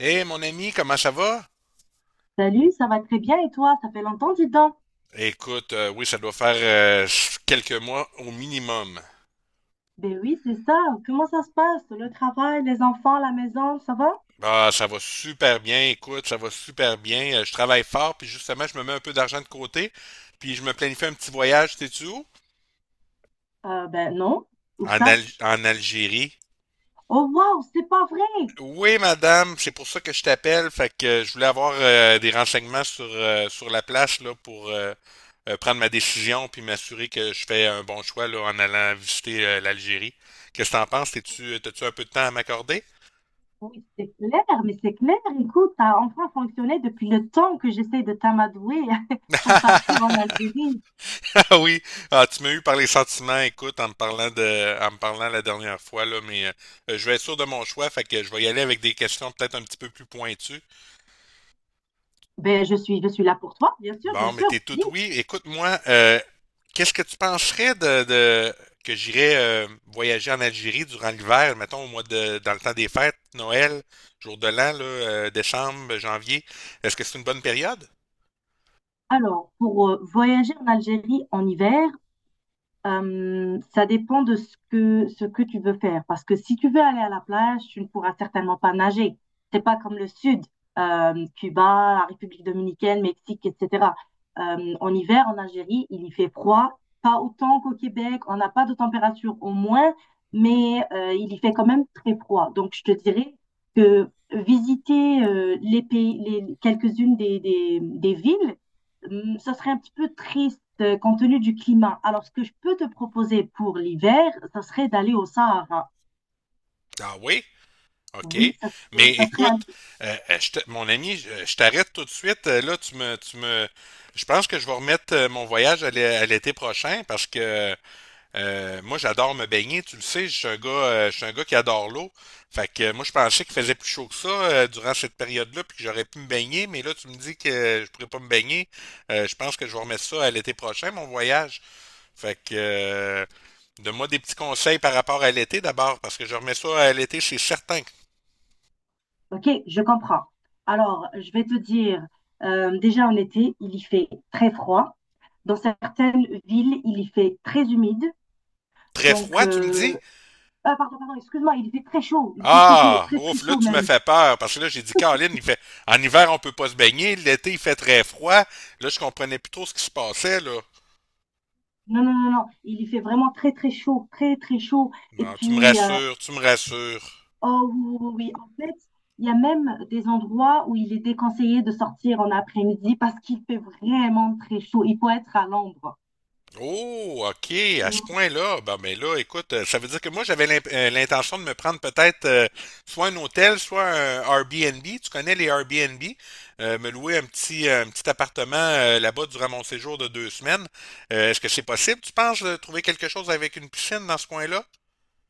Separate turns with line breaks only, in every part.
Hé, mon ami, comment ça va?
Salut, ça va très bien et toi? Ça fait longtemps, dis donc.
Écoute, oui, ça doit faire quelques mois au minimum.
Ben oui, c'est ça. Comment ça se passe? Le travail, les enfants, la maison, ça va?
Ah, ça va super bien, écoute, ça va super bien. Je travaille fort, puis justement, je me mets un peu d'argent de côté, puis je me planifie un petit voyage, sais-tu où?
Ben non. Où
En,
ça?
En Algérie.
Oh waouh, c'est pas vrai!
Oui, madame, c'est pour ça que je t'appelle. Fait que je voulais avoir des renseignements sur, sur la place là, pour prendre ma décision puis m'assurer que je fais un bon choix là, en allant visiter l'Algérie. Qu'est-ce que t'en penses? T'as-tu un peu de temps à m'accorder?
Oui, c'est clair, mais c'est clair. Écoute, t'as enfin fonctionné depuis le temps que j'essaie de t'amadouer pour partir en Algérie.
Oui, ah, tu m'as eu par les sentiments, écoute, en me parlant la dernière fois, là, mais je vais être sûr de mon choix, fait que je vais y aller avec des questions peut-être un petit peu plus pointues.
Ben je suis là pour toi, bien sûr,
Bon,
bien
mais
sûr.
t'es tout
Dis,
oui. Écoute-moi, qu'est-ce que tu penserais de que j'irais voyager en Algérie durant l'hiver, mettons au mois de dans le temps des fêtes, Noël, jour de l'an, là, décembre, janvier. Est-ce que c'est une bonne période?
alors, pour voyager en Algérie en hiver, ça dépend de ce que tu veux faire. Parce que si tu veux aller à la plage, tu ne pourras certainement pas nager. C'est pas comme le sud, Cuba, la République dominicaine, Mexique, etc. En hiver, en Algérie, il y fait froid, pas autant qu'au Québec, on n'a pas de température au moins, mais il y fait quand même très froid. Donc, je te dirais que visiter les pays, quelques-unes des villes, ça serait un petit peu triste compte tenu du climat. Alors, ce que je peux te proposer pour l'hiver, ça serait d'aller au Sahara.
Ah oui? OK.
Oui, ça serait,
Mais
ça serait
écoute,
un-
mon ami, je t'arrête tout de suite. Là, je pense que je vais remettre mon voyage à à l'été prochain parce que euh, moi, j'adore me baigner, tu le sais, je suis un gars qui adore l'eau. Fait que moi, je pensais qu'il faisait plus chaud que ça durant cette période-là, puis que j'aurais pu me baigner, mais là, tu me dis que je pourrais pas me baigner. Je pense que je vais remettre ça à l'été prochain, mon voyage. Fait que donne-moi des petits conseils par rapport à l'été d'abord, parce que je remets ça à l'été, c'est certain.
Ok, je comprends. Alors, je vais te dire, déjà en été, il y fait très froid. Dans certaines villes, il y fait très humide.
Très
Donc,
froid, tu me dis?
ah, pardon, pardon, excuse-moi, il y fait très chaud. Il fait très chaud,
Ah,
très, très
ouf, là,
chaud
tu me
même.
fais peur, parce que là, j'ai dit, Caroline, il fait, en hiver, on peut pas se baigner, l'été, il fait très froid. Là, je comprenais plus trop ce qui se passait, là.
Non, non, non, non. Il y fait vraiment très, très chaud, très, très chaud. Et
Bon, tu me
puis,
rassures, tu me rassures.
oh oui, oui, oui, oui. En fait, il y a même des endroits où il est déconseillé de sortir en après-midi parce qu'il fait vraiment très chaud. Il faut être à l'ombre.
Oh, OK, à ce
Mm.
point-là, ben, ben là, écoute, ça veut dire que moi, j'avais l'intention de me prendre peut-être soit un hôtel, soit un Airbnb. Tu connais les Airbnb? Me louer un petit appartement là-bas durant mon séjour de deux semaines. Est-ce que c'est possible, tu penses, de trouver quelque chose avec une piscine dans ce coin-là?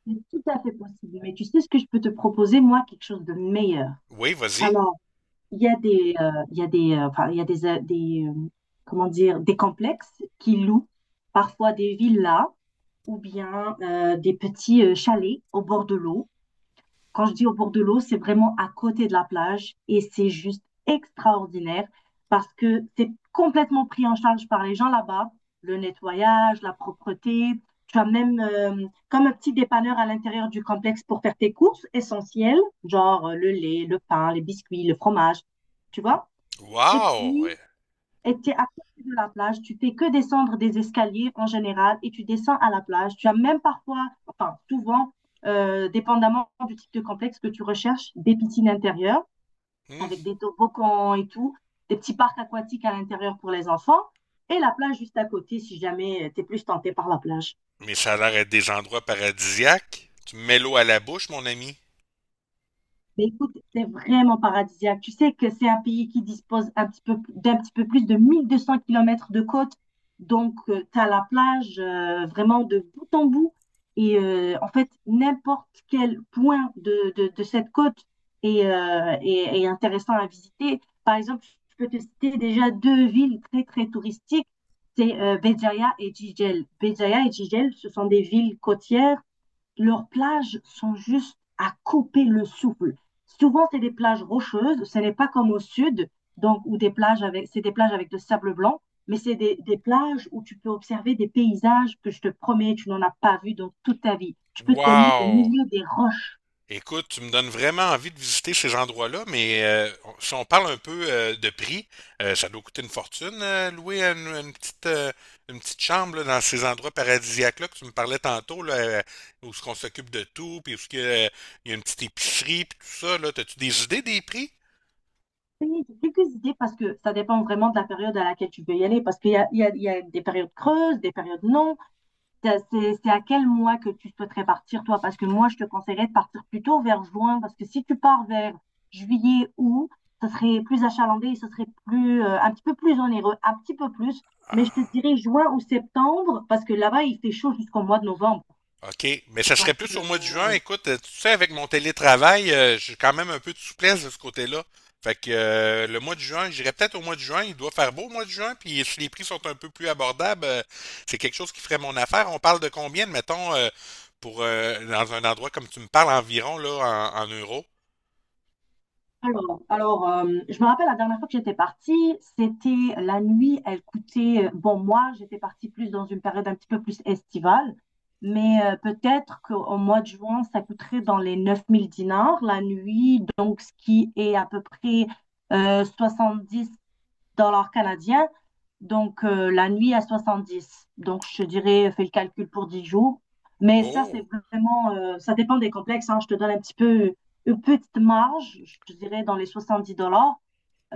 C'est tout à fait possible. Mais tu sais ce que je peux te proposer, moi, quelque chose de meilleur.
Oui, vas-y.
Alors, il y a des, enfin, il y a des, comment dire, des complexes qui louent parfois des villas ou bien des petits chalets au bord de l'eau. Quand je dis au bord de l'eau, c'est vraiment à côté de la plage et c'est juste extraordinaire parce que c'est complètement pris en charge par les gens là-bas, le nettoyage, la propreté. Tu as même comme un petit dépanneur à l'intérieur du complexe pour faire tes courses essentielles, genre le lait, le pain, les biscuits, le fromage, tu vois. Et
Wow!
puis, et tu es à côté de la plage, tu fais que descendre des escaliers en général et tu descends à la plage. Tu as même parfois, enfin souvent, dépendamment du type de complexe que tu recherches, des piscines intérieures
Hmm.
avec des toboggans et tout, des petits parcs aquatiques à l'intérieur pour les enfants et la plage juste à côté si jamais tu es plus tenté par la plage.
Mais ça a l'air d'être des endroits paradisiaques. Tu me mets l'eau à la bouche, mon ami.
Mais écoute, c'est vraiment paradisiaque. Tu sais que c'est un pays qui dispose d'un petit peu plus de 1 200 km de côte. Donc, tu as la plage vraiment de bout en bout. Et en fait, n'importe quel point de cette côte est intéressant à visiter. Par exemple, je peux te citer déjà deux villes très, très touristiques. C'est Béjaïa et Jijel. Béjaïa et Jijel, ce sont des villes côtières. Leurs plages sont juste à couper le souffle. Souvent, c'est des plages rocheuses. Ce n'est pas comme au sud, donc où c'est des plages avec de sable blanc, mais c'est des plages où tu peux observer des paysages que je te promets, tu n'en as pas vu dans toute ta vie. Tu peux te baigner au
Wow!
milieu des roches.
Écoute, tu me donnes vraiment envie de visiter ces endroits-là, mais si on parle un peu de prix, ça doit coûter une fortune, louer une petite chambre là, dans ces endroits paradisiaques-là que tu me parlais tantôt, là, où ce qu'on s'occupe de tout, puis où ce une petite épicerie, puis tout ça, là. T'as-tu des idées des prix?
J'ai quelques idées parce que ça dépend vraiment de la période à laquelle tu veux y aller, parce qu'il y a, il y a- il y a des périodes creuses, des périodes non, c'est à quel mois que tu souhaiterais partir, toi? Parce que moi, je te conseillerais de partir plutôt vers juin, parce que si tu pars vers juillet, août, ça serait plus achalandé, ça serait plus, un petit peu plus onéreux, un petit peu plus. Mais je te
Ah.
dirais juin ou septembre, parce que là-bas, il fait chaud jusqu'au mois de novembre.
OK, mais ça serait
Donc,
plus au mois de juin. Écoute, tu sais, avec mon télétravail, j'ai quand même un peu de souplesse de ce côté-là. Fait que le mois de juin, j'irais peut-être au mois de juin. Il doit faire beau au mois de juin. Puis si les prix sont un peu plus abordables, c'est quelque chose qui ferait mon affaire. On parle de combien, mettons, pour dans un endroit comme tu me parles environ là en, en euros?
alors, je me rappelle la dernière fois que j'étais partie, c'était la nuit, elle coûtait, bon, moi, j'étais partie plus dans une période un petit peu plus estivale, mais peut-être qu'au mois de juin, ça coûterait dans les 9 000 dinars la nuit, donc ce qui est à peu près 70-80 $ canadiens. Donc, la nuit à 70. Donc, je te dirais, fais le calcul pour 10 jours. Mais ça, c'est
Oh!
vraiment, ça dépend des complexes, hein. Je te donne un petit peu une petite marge, je te dirais dans les 70 dollars.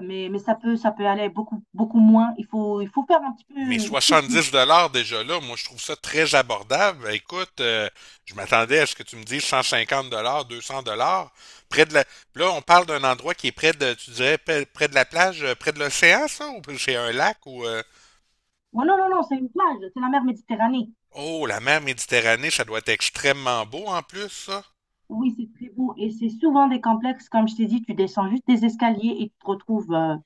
Mais, ça peut aller beaucoup, beaucoup moins. Il faut faire un petit peu
Mais
une petite liste.
70 dollars déjà là, moi je trouve ça très abordable. Ben, écoute, je m'attendais à ce que tu me dises 150 dollars, 200 dollars. Près de la… Là, on parle d'un endroit qui est près de, tu dirais, près près de la plage, près de l'océan, ça, ou c'est un lac ou…
Ouais, non, non, non, c'est une plage, c'est la mer Méditerranée.
Oh, la mer Méditerranée, ça doit être extrêmement beau en plus, ça.
Oui, c'est très beau. Et c'est souvent des complexes, comme je t'ai dit, tu descends juste des escaliers et tu te retrouves.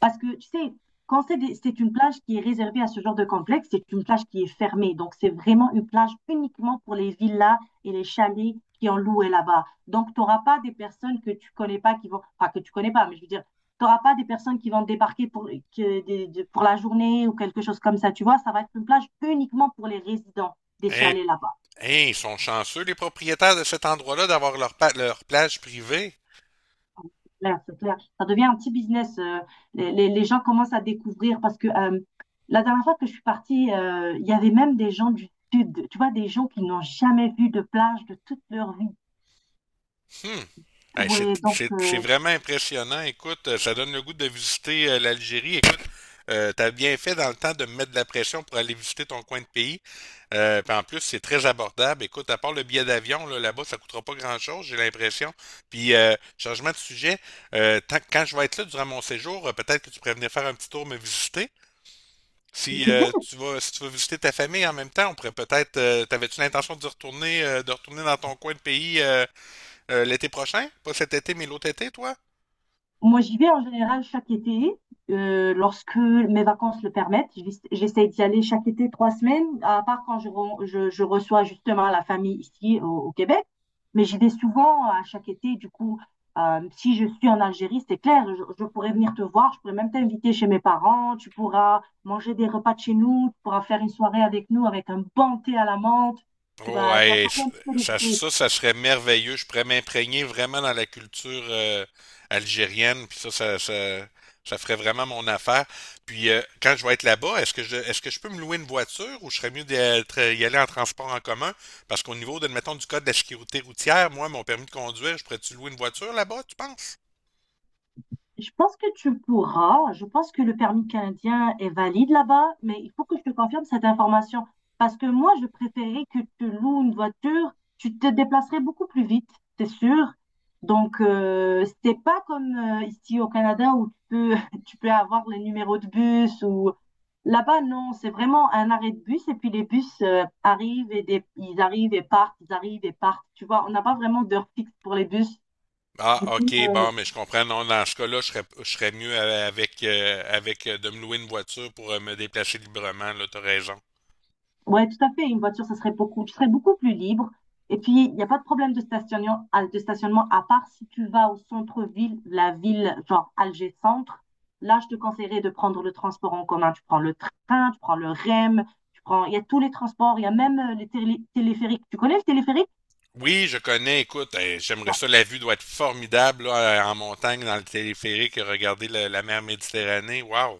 Parce que, tu sais, quand c'est c'est une plage qui est réservée à ce genre de complexe, c'est une plage qui est fermée. Donc, c'est vraiment une plage uniquement pour les villas et les chalets qui ont loué là-bas. Donc, tu n'auras pas des personnes que tu connais pas qui vont, enfin, que tu connais pas, mais je veux dire, tu n'auras pas des personnes qui vont débarquer pour la journée ou quelque chose comme ça. Tu vois, ça va être une plage uniquement pour les résidents des
Hein,
chalets là-bas.
hein, ils sont chanceux, les propriétaires de cet endroit-là, d'avoir leur, leur plage privée.
Clair, c'est clair. Ça devient un petit business. Les gens commencent à découvrir parce que la dernière fois que je suis partie, il y avait même des gens du sud, tu vois, des gens qui n'ont jamais vu de plage de toute leur vie.
Hmm. Hey,
Ouais, donc
c'est vraiment impressionnant. Écoute, ça donne le goût de visiter l'Algérie. Écoute, t'as bien fait dans le temps de me mettre de la pression pour aller visiter ton coin de pays. Puis en plus, c'est très abordable. Écoute, à part le billet d'avion, là, là-bas, ça coûtera pas grand-chose, j'ai l'impression. Puis, changement de sujet, quand je vais être là durant mon séjour, peut-être que tu pourrais venir faire un petit tour me visiter.
c'est
Si
clair.
si tu veux visiter ta famille en même temps, on pourrait peut-être. T'avais-tu l'intention de retourner dans ton coin de pays? L'été prochain? Pas cet été, mais l'autre été, toi?
Moi, j'y vais en général chaque été, lorsque mes vacances le permettent. J'essaie d'y aller chaque été 3 semaines, à part quand je reçois justement la famille ici au Québec. Mais j'y vais souvent à chaque été. Du coup, si je suis en Algérie, c'est clair, je pourrais venir te voir, je pourrais même t'inviter chez mes parents, tu pourras manger des repas de chez nous, tu pourras faire une soirée avec nous avec un bon thé à la menthe. Tu
Oh,
vas, tu vas te
hey,
changer un petit peu les
ça,
idées.
ça, ça serait merveilleux. Je pourrais m'imprégner vraiment dans la culture algérienne, puis ça ferait vraiment mon affaire. Puis quand je vais être là-bas, est-ce que je peux me louer une voiture ou je serais mieux y aller en transport en commun? Parce qu'au niveau, de, mettons, du code de la sécurité routière, moi, mon permis de conduire, je pourrais-tu louer une voiture là-bas, tu penses?
Je pense que tu pourras. Je pense que le permis canadien est valide là-bas, mais il faut que je te confirme cette information. Parce que moi, je préférais que tu loues une voiture, tu te déplacerais beaucoup plus vite, c'est sûr. Donc, c'est pas comme ici au Canada où tu peux, tu peux avoir les numéros de bus ou là-bas, non, c'est vraiment un arrêt de bus et puis les bus arrivent ils arrivent et partent, ils arrivent et partent. Tu vois, on n'a pas vraiment d'heure fixe pour les bus,
Ah,
du coup.
ok, bon, mais je comprends. Non, dans ce cas-là, je serais mieux avec, avec de me louer une voiture pour me déplacer librement, là, t'as raison.
Ouais, tout à fait. Une voiture, ça serait beaucoup, tu serais beaucoup plus libre. Et puis, il n'y a pas de problème de stationnement, à part si tu vas au centre-ville, la ville, genre Alger Centre. Là, je te conseillerais de prendre le transport en commun. Tu prends le train, tu prends le REM, il y a tous les transports, il y a même les téléphériques. Tu connais le téléphérique?
Oui, je connais, écoute, eh, j'aimerais ça, la vue doit être formidable, là, en montagne, dans le téléphérique, regarder la, la mer Méditerranée, waouh!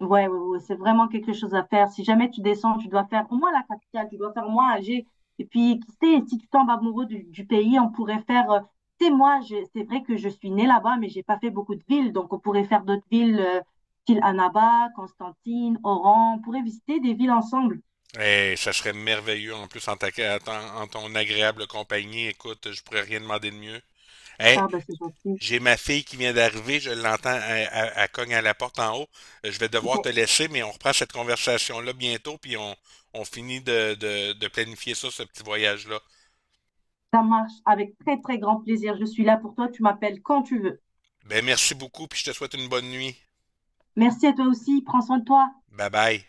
Ouais, ouais, ouais, c'est vraiment quelque chose à faire. Si jamais tu descends, tu dois faire au moins la capitale, tu dois faire au moins Alger. Et puis, qui sait, si tu tombes amoureux du pays, on pourrait faire. Tu sais, moi, c'est vrai que je suis née là-bas, mais j'ai pas fait beaucoup de villes. Donc, on pourrait faire d'autres villes, style Annaba, Constantine, Oran. On pourrait visiter des villes ensemble.
Eh, ça serait merveilleux, en plus, en ta, en ton agréable compagnie, écoute, je pourrais rien demander de mieux. Eh,
Ah, bah, c'est gentil.
j'ai ma fille qui vient d'arriver, je l'entends, elle cogne à la porte en haut. Je vais devoir te
Ok,
laisser, mais on reprend cette conversation-là bientôt, puis on, on finit de planifier ça, ce petit voyage-là.
ça marche avec très, très grand plaisir. Je suis là pour toi. Tu m'appelles quand tu veux.
Ben, merci beaucoup, puis je te souhaite une bonne nuit.
Merci à toi aussi. Prends soin de toi.
Bye bye.